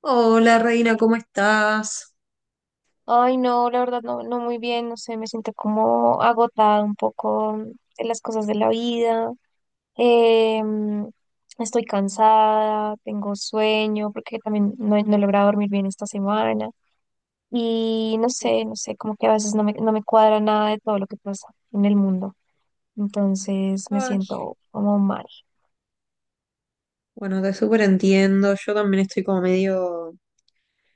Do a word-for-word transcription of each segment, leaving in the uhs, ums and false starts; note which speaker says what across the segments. Speaker 1: Hola Reina, ¿cómo estás?
Speaker 2: Ay, no, la verdad no, no muy bien, no sé, me siento como agotada un poco de las cosas de la vida. eh, mm, Estoy cansada, tengo sueño, porque también no, he no he logrado dormir bien esta semana. Y no sé, no sé, como que a veces no me, no me cuadra nada de todo lo que pasa en el mundo. Entonces me
Speaker 1: Ay,
Speaker 2: siento como mal.
Speaker 1: bueno, te súper entiendo. Yo también estoy como medio,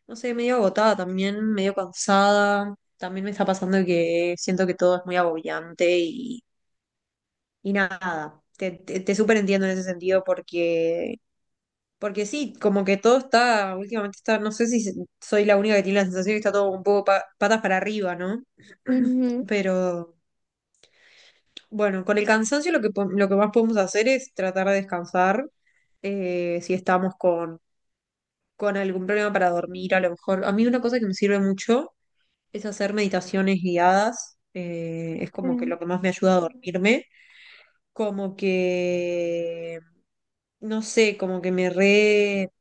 Speaker 1: no sé, medio agotada también, medio cansada. También me está pasando que siento que todo es muy agobiante y, y nada. Te, te, te súper entiendo en ese sentido porque, porque sí, como que todo está, últimamente está, no sé si soy la única que tiene la sensación que está todo un poco pa- patas para arriba, ¿no?
Speaker 2: Ujú.
Speaker 1: Pero. Bueno, con el cansancio lo que, po- lo que más podemos hacer es tratar de descansar. Eh, si estamos con, con algún problema para dormir, a lo mejor. A mí una cosa que me sirve mucho es hacer meditaciones guiadas. Eh, es como que
Speaker 2: Ok.
Speaker 1: lo que más me ayuda a dormirme, como que, no sé, como que me re,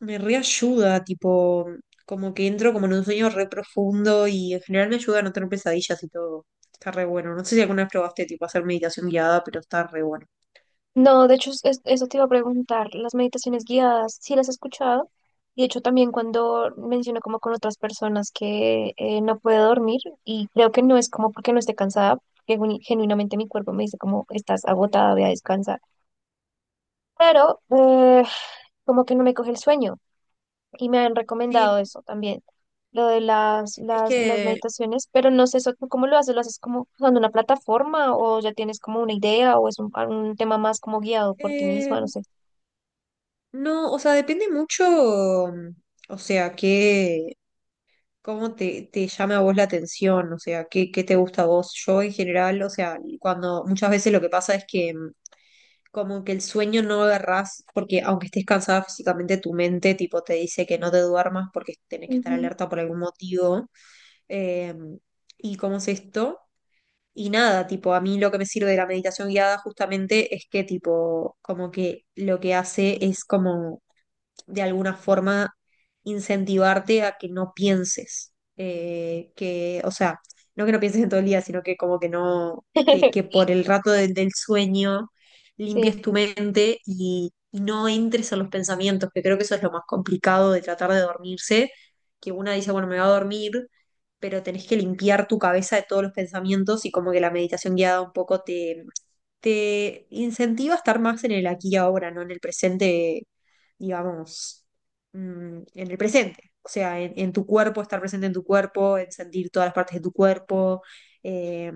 Speaker 1: me reayuda, tipo, como que entro como en un sueño re profundo y en general me ayuda a no tener pesadillas y todo. Está re bueno. No sé si alguna vez probaste tipo hacer meditación guiada, pero está re bueno.
Speaker 2: No, de hecho, es- es- eso te iba a preguntar. Las meditaciones guiadas, sí las he escuchado. Y de hecho, también cuando menciono como con otras personas que eh, no puede dormir, y creo que no es como porque no esté cansada, que genu- genuinamente mi cuerpo me dice como estás agotada, voy a descansar. Pero eh, como que no me coge el sueño y me han
Speaker 1: Sí,
Speaker 2: recomendado eso también, lo de las,
Speaker 1: es
Speaker 2: las, las
Speaker 1: que
Speaker 2: meditaciones, pero no sé eso, ¿tú cómo lo haces? ¿Lo haces como usando una plataforma o ya tienes como una idea o es un, un tema más como guiado por ti
Speaker 1: eh,
Speaker 2: misma? No sé.
Speaker 1: no, o sea, depende mucho, mm, o sea, que cómo te, te llame a vos la atención, o sea, qué, qué te gusta a vos. Yo en general, o sea, cuando muchas veces lo que pasa es que mm, como que el sueño no lo agarrás, porque aunque estés cansada físicamente, tu mente tipo te dice que no te duermas porque tenés que estar
Speaker 2: Ujú.
Speaker 1: alerta por algún motivo. Eh, ¿Y cómo es esto? Y nada, tipo, a mí lo que me sirve de la meditación guiada justamente es que, tipo, como que lo que hace es como de alguna forma incentivarte a que no pienses, eh, que, o sea, no que no pienses en todo el día, sino que como que no, que, que por el rato de- del sueño
Speaker 2: Sí,
Speaker 1: limpies tu mente y, y no entres a los pensamientos, que creo que eso es lo más complicado de tratar de dormirse, que una dice, bueno, me va a dormir, pero tenés que limpiar tu cabeza de todos los pensamientos y como que la meditación guiada un poco te... te incentiva a estar más en el aquí y ahora, no en el presente digamos, mm, en el presente. O sea, en, en tu cuerpo, estar presente en tu cuerpo, en sentir todas las partes de tu cuerpo. eh,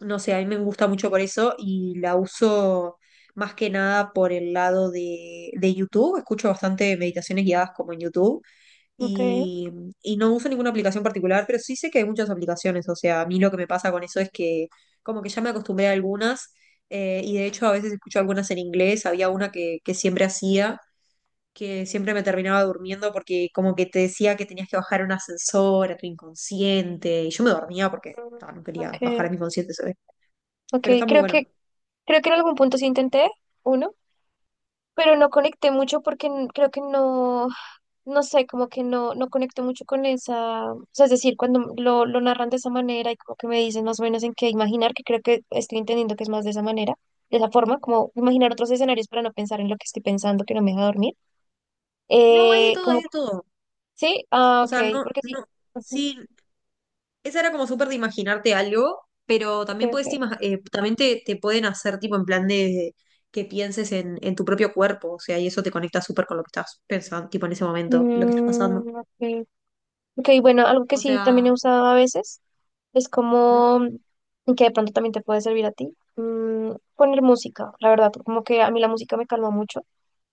Speaker 1: no sé, a mí me gusta mucho por eso y la uso más que nada por el lado de, de YouTube. Escucho bastante meditaciones guiadas como en YouTube
Speaker 2: ok,
Speaker 1: y, y no uso ninguna aplicación particular, pero sí sé que hay muchas aplicaciones. O sea, a mí lo que me pasa con eso es que como que ya me acostumbré a algunas. eh, y de hecho a veces escucho algunas en inglés, había una que, que siempre hacía, que siempre me terminaba durmiendo porque como que te decía que tenías que bajar un ascensor a tu inconsciente, y yo me dormía porque
Speaker 2: mm,
Speaker 1: ah, no
Speaker 2: ok,
Speaker 1: quería bajar a mi inconsciente, ¿sabes?
Speaker 2: ok,
Speaker 1: Pero está muy
Speaker 2: creo
Speaker 1: bueno.
Speaker 2: que, creo que en algún punto sí intenté uno, pero no conecté mucho porque n- creo que no, no sé, como que no, no conecté mucho con esa, o sea, es decir, cuando lo, lo narran de esa manera y como que me dicen más o menos en qué imaginar, que creo que estoy entendiendo que es más de esa manera, de esa forma, como imaginar otros escenarios para no pensar en lo que estoy pensando, que no me deja dormir,
Speaker 1: No, hay de
Speaker 2: eh,
Speaker 1: todo,
Speaker 2: como,
Speaker 1: hay de todo.
Speaker 2: sí, ah,
Speaker 1: O
Speaker 2: ok,
Speaker 1: sea, no,
Speaker 2: porque sí,
Speaker 1: no,
Speaker 2: ujú,
Speaker 1: sí, esa era como súper de imaginarte algo, pero
Speaker 2: ok,
Speaker 1: también
Speaker 2: ok.
Speaker 1: puedes ima- eh, también te, te pueden hacer tipo en plan de que pienses en, en tu propio cuerpo, o sea, y eso te conecta súper con lo que estás pensando, tipo en ese momento, lo que está pasando.
Speaker 2: Mm, ok. Ok, bueno, algo que
Speaker 1: O
Speaker 2: sí también he
Speaker 1: sea,
Speaker 2: usado a veces es
Speaker 1: ujú,
Speaker 2: como, mm, y que de pronto también te puede servir a ti, mm, poner música, la verdad, como que a mí la música me calma mucho.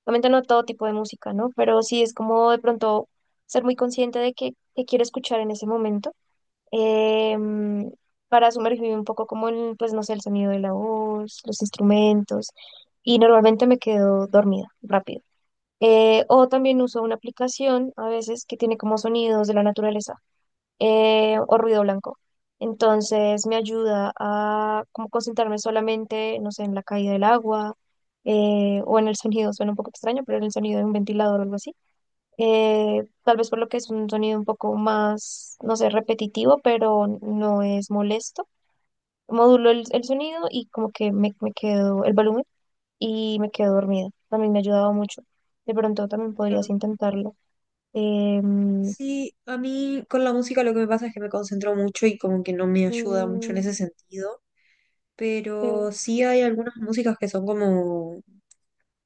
Speaker 2: Obviamente no todo tipo de música, ¿no? Pero sí es como de pronto ser muy consciente de qué, qué quiero escuchar en ese momento, eh, mm, para sumergirme un poco como en, pues no sé, el sonido de la voz, los instrumentos, y normalmente me quedo dormida rápido. Eh, o también uso una aplicación a veces que tiene como sonidos de la naturaleza, eh, o ruido blanco. Entonces me ayuda a como concentrarme solamente, no sé, en la caída del agua, eh, o en el sonido, suena un poco extraño, pero en el sonido de un ventilador o algo así. Eh, tal vez por lo que es un sonido un poco más, no sé, repetitivo, pero no es molesto. Modulo el, el sonido y como que me, me quedo el volumen y me quedo dormida. También me ha ayudado mucho. De pronto también podrías
Speaker 1: claro.
Speaker 2: intentarlo. Em,
Speaker 1: Sí, a mí con la música lo que me pasa es que me concentro mucho y como que no me ayuda mucho en ese
Speaker 2: mm,
Speaker 1: sentido,
Speaker 2: eh,
Speaker 1: pero sí hay algunas músicas que son como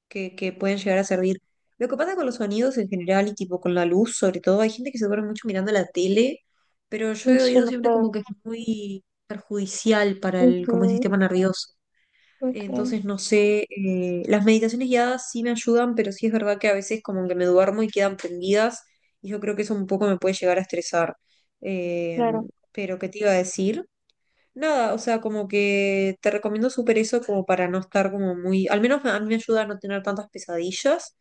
Speaker 1: que, que pueden llegar a servir. Lo que pasa con los sonidos en general y tipo con la luz, sobre todo, hay gente que se duerme mucho mirando la tele, pero yo
Speaker 2: no
Speaker 1: he
Speaker 2: sé,
Speaker 1: oído
Speaker 2: no
Speaker 1: siempre
Speaker 2: puedo.
Speaker 1: como que es muy perjudicial para el, como el
Speaker 2: Ujú,
Speaker 1: sistema nervioso.
Speaker 2: ok,
Speaker 1: Entonces, no sé, eh, las meditaciones guiadas sí me ayudan, pero sí es verdad que a veces como que me duermo y quedan prendidas y yo creo que eso un poco me puede llegar a estresar. Eh,
Speaker 2: claro.
Speaker 1: pero, ¿qué te iba a decir? Nada, o sea, como que te recomiendo súper eso como para no estar como muy, al menos a mí me ayuda a no tener tantas pesadillas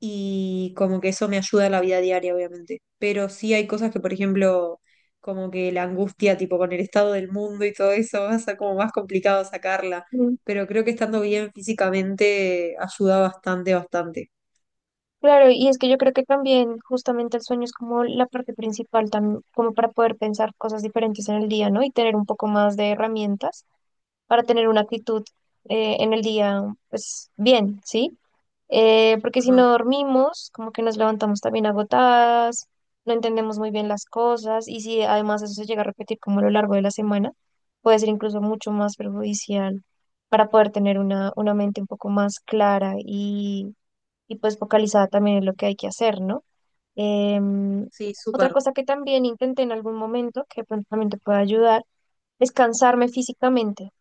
Speaker 1: y como que eso me ayuda en la vida diaria, obviamente. Pero sí hay cosas que, por ejemplo, como que la angustia, tipo con el estado del mundo y todo eso, va a ser como más complicado sacarla.
Speaker 2: Mm.
Speaker 1: Pero creo que estando bien físicamente ayuda bastante, bastante.
Speaker 2: Claro, y es que yo creo que también justamente el sueño es como la parte principal, tam- como para poder pensar cosas diferentes en el día, ¿no? Y tener un poco más de herramientas para tener una actitud eh, en el día, pues bien, ¿sí? Eh, porque si
Speaker 1: Ajá,
Speaker 2: no dormimos, como que nos levantamos también agotadas, no entendemos muy bien las cosas y si además eso se llega a repetir como a lo largo de la semana, puede ser incluso mucho más perjudicial para poder tener una, una mente un poco más clara y, y pues focalizada también en lo que hay que hacer, ¿no? Em,
Speaker 1: sí,
Speaker 2: Otra
Speaker 1: súper.
Speaker 2: cosa que también intenté en algún momento, que de pronto también te puede ayudar, es cansarme físicamente.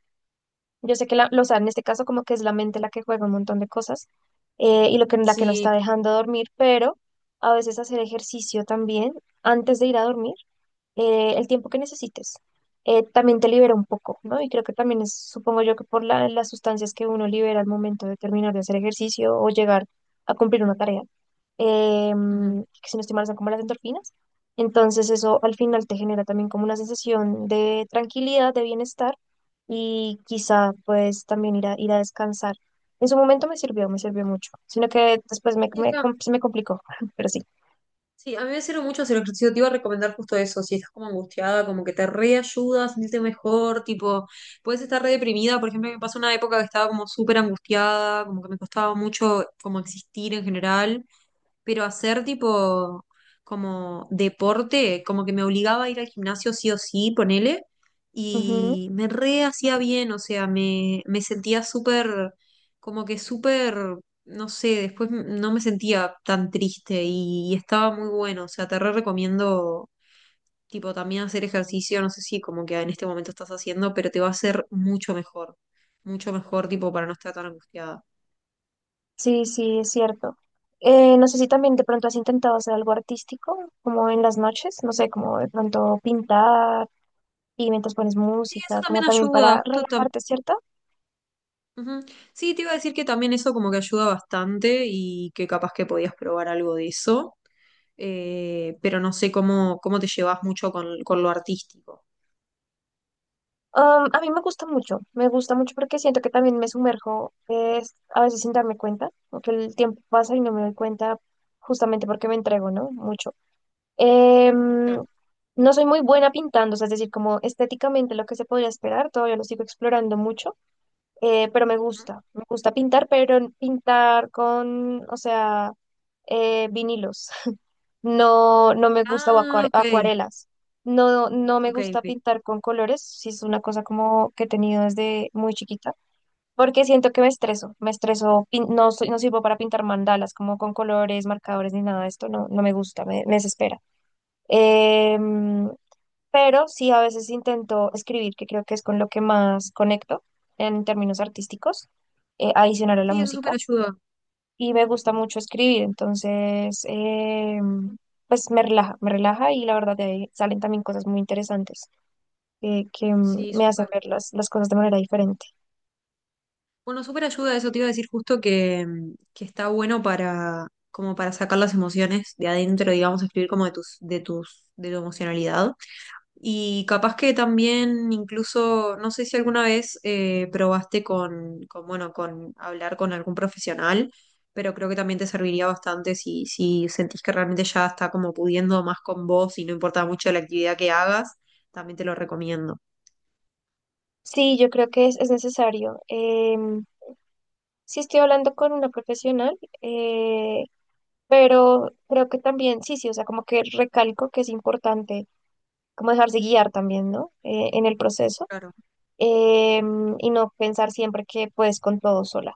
Speaker 2: Yo sé que la, lo- o sea, en este caso como que es la mente la que juega un montón de cosas, eh, y lo que, la que no está
Speaker 1: Sí.
Speaker 2: dejando dormir, pero a veces hacer ejercicio también antes de ir a dormir, eh, el tiempo que necesites. Eh, también te libera un poco, ¿no? Y creo que también es, supongo yo que por la- las sustancias que uno libera al momento de terminar de hacer ejercicio o llegar a cumplir una tarea, eh,
Speaker 1: Ujú.
Speaker 2: que si no estoy mal son como las endorfinas. Entonces eso al final te genera también como una sensación de tranquilidad, de bienestar y quizá pues también ir a, ir a descansar. En su momento me sirvió, me sirvió mucho, sino que después me,
Speaker 1: Sí,
Speaker 2: me,
Speaker 1: está-
Speaker 2: com- se me complicó, pero sí.
Speaker 1: Sí, a mí me sirve mucho hacer ejercicio. Te iba a recomendar justo eso. Si estás como angustiada, como que te reayuda a sentirte mejor. Tipo, puedes estar re deprimida. Por ejemplo, me pasó una época que estaba como súper angustiada, como que me costaba mucho como existir en general, pero hacer tipo como deporte, como que me obligaba a ir al gimnasio sí o sí, ponele, y me re hacía bien, o sea, me, me sentía súper, como que súper, no sé, después no me sentía tan triste y, y estaba muy bueno, o sea, te re recomiendo tipo también hacer ejercicio, no sé si como que en este momento estás haciendo, pero te va a hacer mucho mejor, mucho mejor tipo para no estar tan angustiada.
Speaker 2: Sí, sí, es cierto. Eh, no sé si también de pronto has intentado hacer algo artístico, como en las noches, no sé, como de pronto pintar y mientras pones
Speaker 1: Sí, eso
Speaker 2: música, como
Speaker 1: también
Speaker 2: también para
Speaker 1: ayuda, justo.
Speaker 2: relajarte, ¿cierto?
Speaker 1: Ujú. Sí, te iba a decir que también eso como que ayuda bastante y que capaz que podías probar algo de eso, eh, pero no sé cómo, cómo te llevas mucho con, con lo artístico.
Speaker 2: Um, a mí me gusta mucho, me gusta mucho porque siento que también me sumerjo, eh, a veces sin darme cuenta, porque el tiempo pasa y no me doy cuenta justamente porque me entrego, ¿no? Mucho. Em,
Speaker 1: Claro.
Speaker 2: no soy muy buena pintando, o sea, es decir, como estéticamente lo que se podría esperar, todavía lo sigo explorando mucho. Eh, pero me
Speaker 1: Ujú.
Speaker 2: gusta, me gusta pintar, pero en- pintar con, o sea, eh, vinilos. No, no me gusta o
Speaker 1: Ah,
Speaker 2: acuare-
Speaker 1: ok,
Speaker 2: acuarelas. No, no me
Speaker 1: ok,
Speaker 2: gusta
Speaker 1: ok.
Speaker 2: pintar con colores, si es una cosa como que he tenido desde muy chiquita, porque siento que me estreso, me estreso, pin- no soy, no sirvo para pintar mandalas como con colores, marcadores ni nada de esto, no, no me gusta, me, me desespera. Em, pero sí a veces intento escribir, que creo que es con lo que más conecto en términos artísticos, eh, adicional a la
Speaker 1: Sí, eso súper
Speaker 2: música,
Speaker 1: ayuda.
Speaker 2: y me gusta mucho escribir, entonces, eh, pues me relaja, me relaja y la verdad de ahí salen también cosas muy interesantes, eh, que mm,
Speaker 1: Sí,
Speaker 2: me hacen
Speaker 1: súper.
Speaker 2: ver las, las cosas de manera diferente.
Speaker 1: Bueno, súper ayuda, eso te iba a decir justo que, mm, que está bueno para, como para sacar las emociones de adentro, digamos, escribir como de tus, de tus, de tu emocionalidad. Y capaz que también incluso, no sé si alguna vez eh, probaste con, con, bueno, con hablar con algún profesional, pero creo que también te serviría bastante si, si sentís que realmente ya está como pudiendo más con vos y no importa mucho la actividad que hagas, también te lo recomiendo.
Speaker 2: Sí, yo creo que es, es necesario. Em, sí estoy hablando con una profesional, eh, pero creo que también, sí, sí, o sea, como que recalco que es importante como dejarse guiar también, ¿no? Eh, en el proceso,
Speaker 1: Claro.
Speaker 2: eh, y no pensar siempre que puedes con todo sola.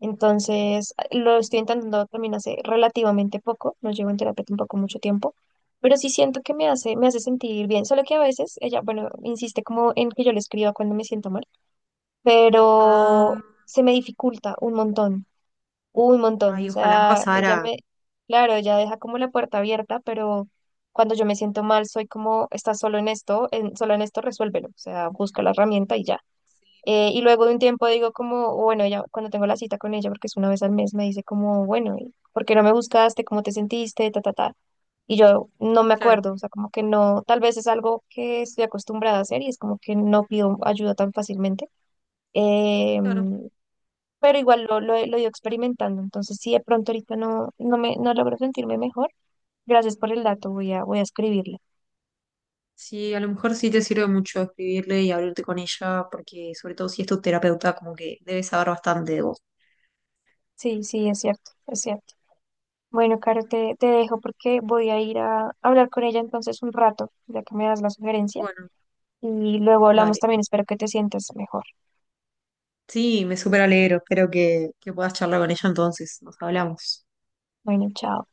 Speaker 2: Entonces, lo estoy intentando también hace relativamente poco, no llevo en terapia tampoco mucho tiempo, pero sí siento que me hace, me hace sentir bien, solo que a veces ella, bueno, insiste como en que yo le escriba cuando me siento mal, pero
Speaker 1: Ah,
Speaker 2: se me dificulta un montón un montón, o
Speaker 1: ay, ojalá me
Speaker 2: sea, ella
Speaker 1: pasara.
Speaker 2: me, claro, ella deja como la puerta abierta, pero cuando yo me siento mal, soy como, estás solo en esto, en, solo en esto, resuélvelo, o sea, busca la herramienta y ya. Eh, y luego de un tiempo digo como, bueno, ella, cuando tengo la cita con ella, porque es una vez al mes, me dice como, bueno, ¿y ¿por qué no me buscaste? ¿Cómo te sentiste? Ta, ta, ta. Y yo no me
Speaker 1: Claro,
Speaker 2: acuerdo, o sea, como que no, tal vez es algo que estoy acostumbrada a hacer y es como que no pido ayuda tan fácilmente.
Speaker 1: claro.
Speaker 2: Em, pero igual lo, lo, he lo he ido experimentando. Entonces, si de pronto ahorita no, no me no logro sentirme mejor, gracias por el dato, voy a, voy a escribirle.
Speaker 1: Sí, a lo mejor sí te sirve mucho escribirle y abrirte con ella, porque sobre todo si es tu terapeuta, como que debes saber bastante de vos.
Speaker 2: Sí, sí, es cierto, es cierto. Bueno, Caro, te, te dejo porque voy a ir a hablar con ella entonces un rato, ya que me das la sugerencia.
Speaker 1: Bueno,
Speaker 2: Y luego hablamos
Speaker 1: dale.
Speaker 2: también, espero que te sientas mejor.
Speaker 1: Sí, me súper alegro. Espero que, que puedas charlar con ella entonces. Nos hablamos.
Speaker 2: Bueno, chao.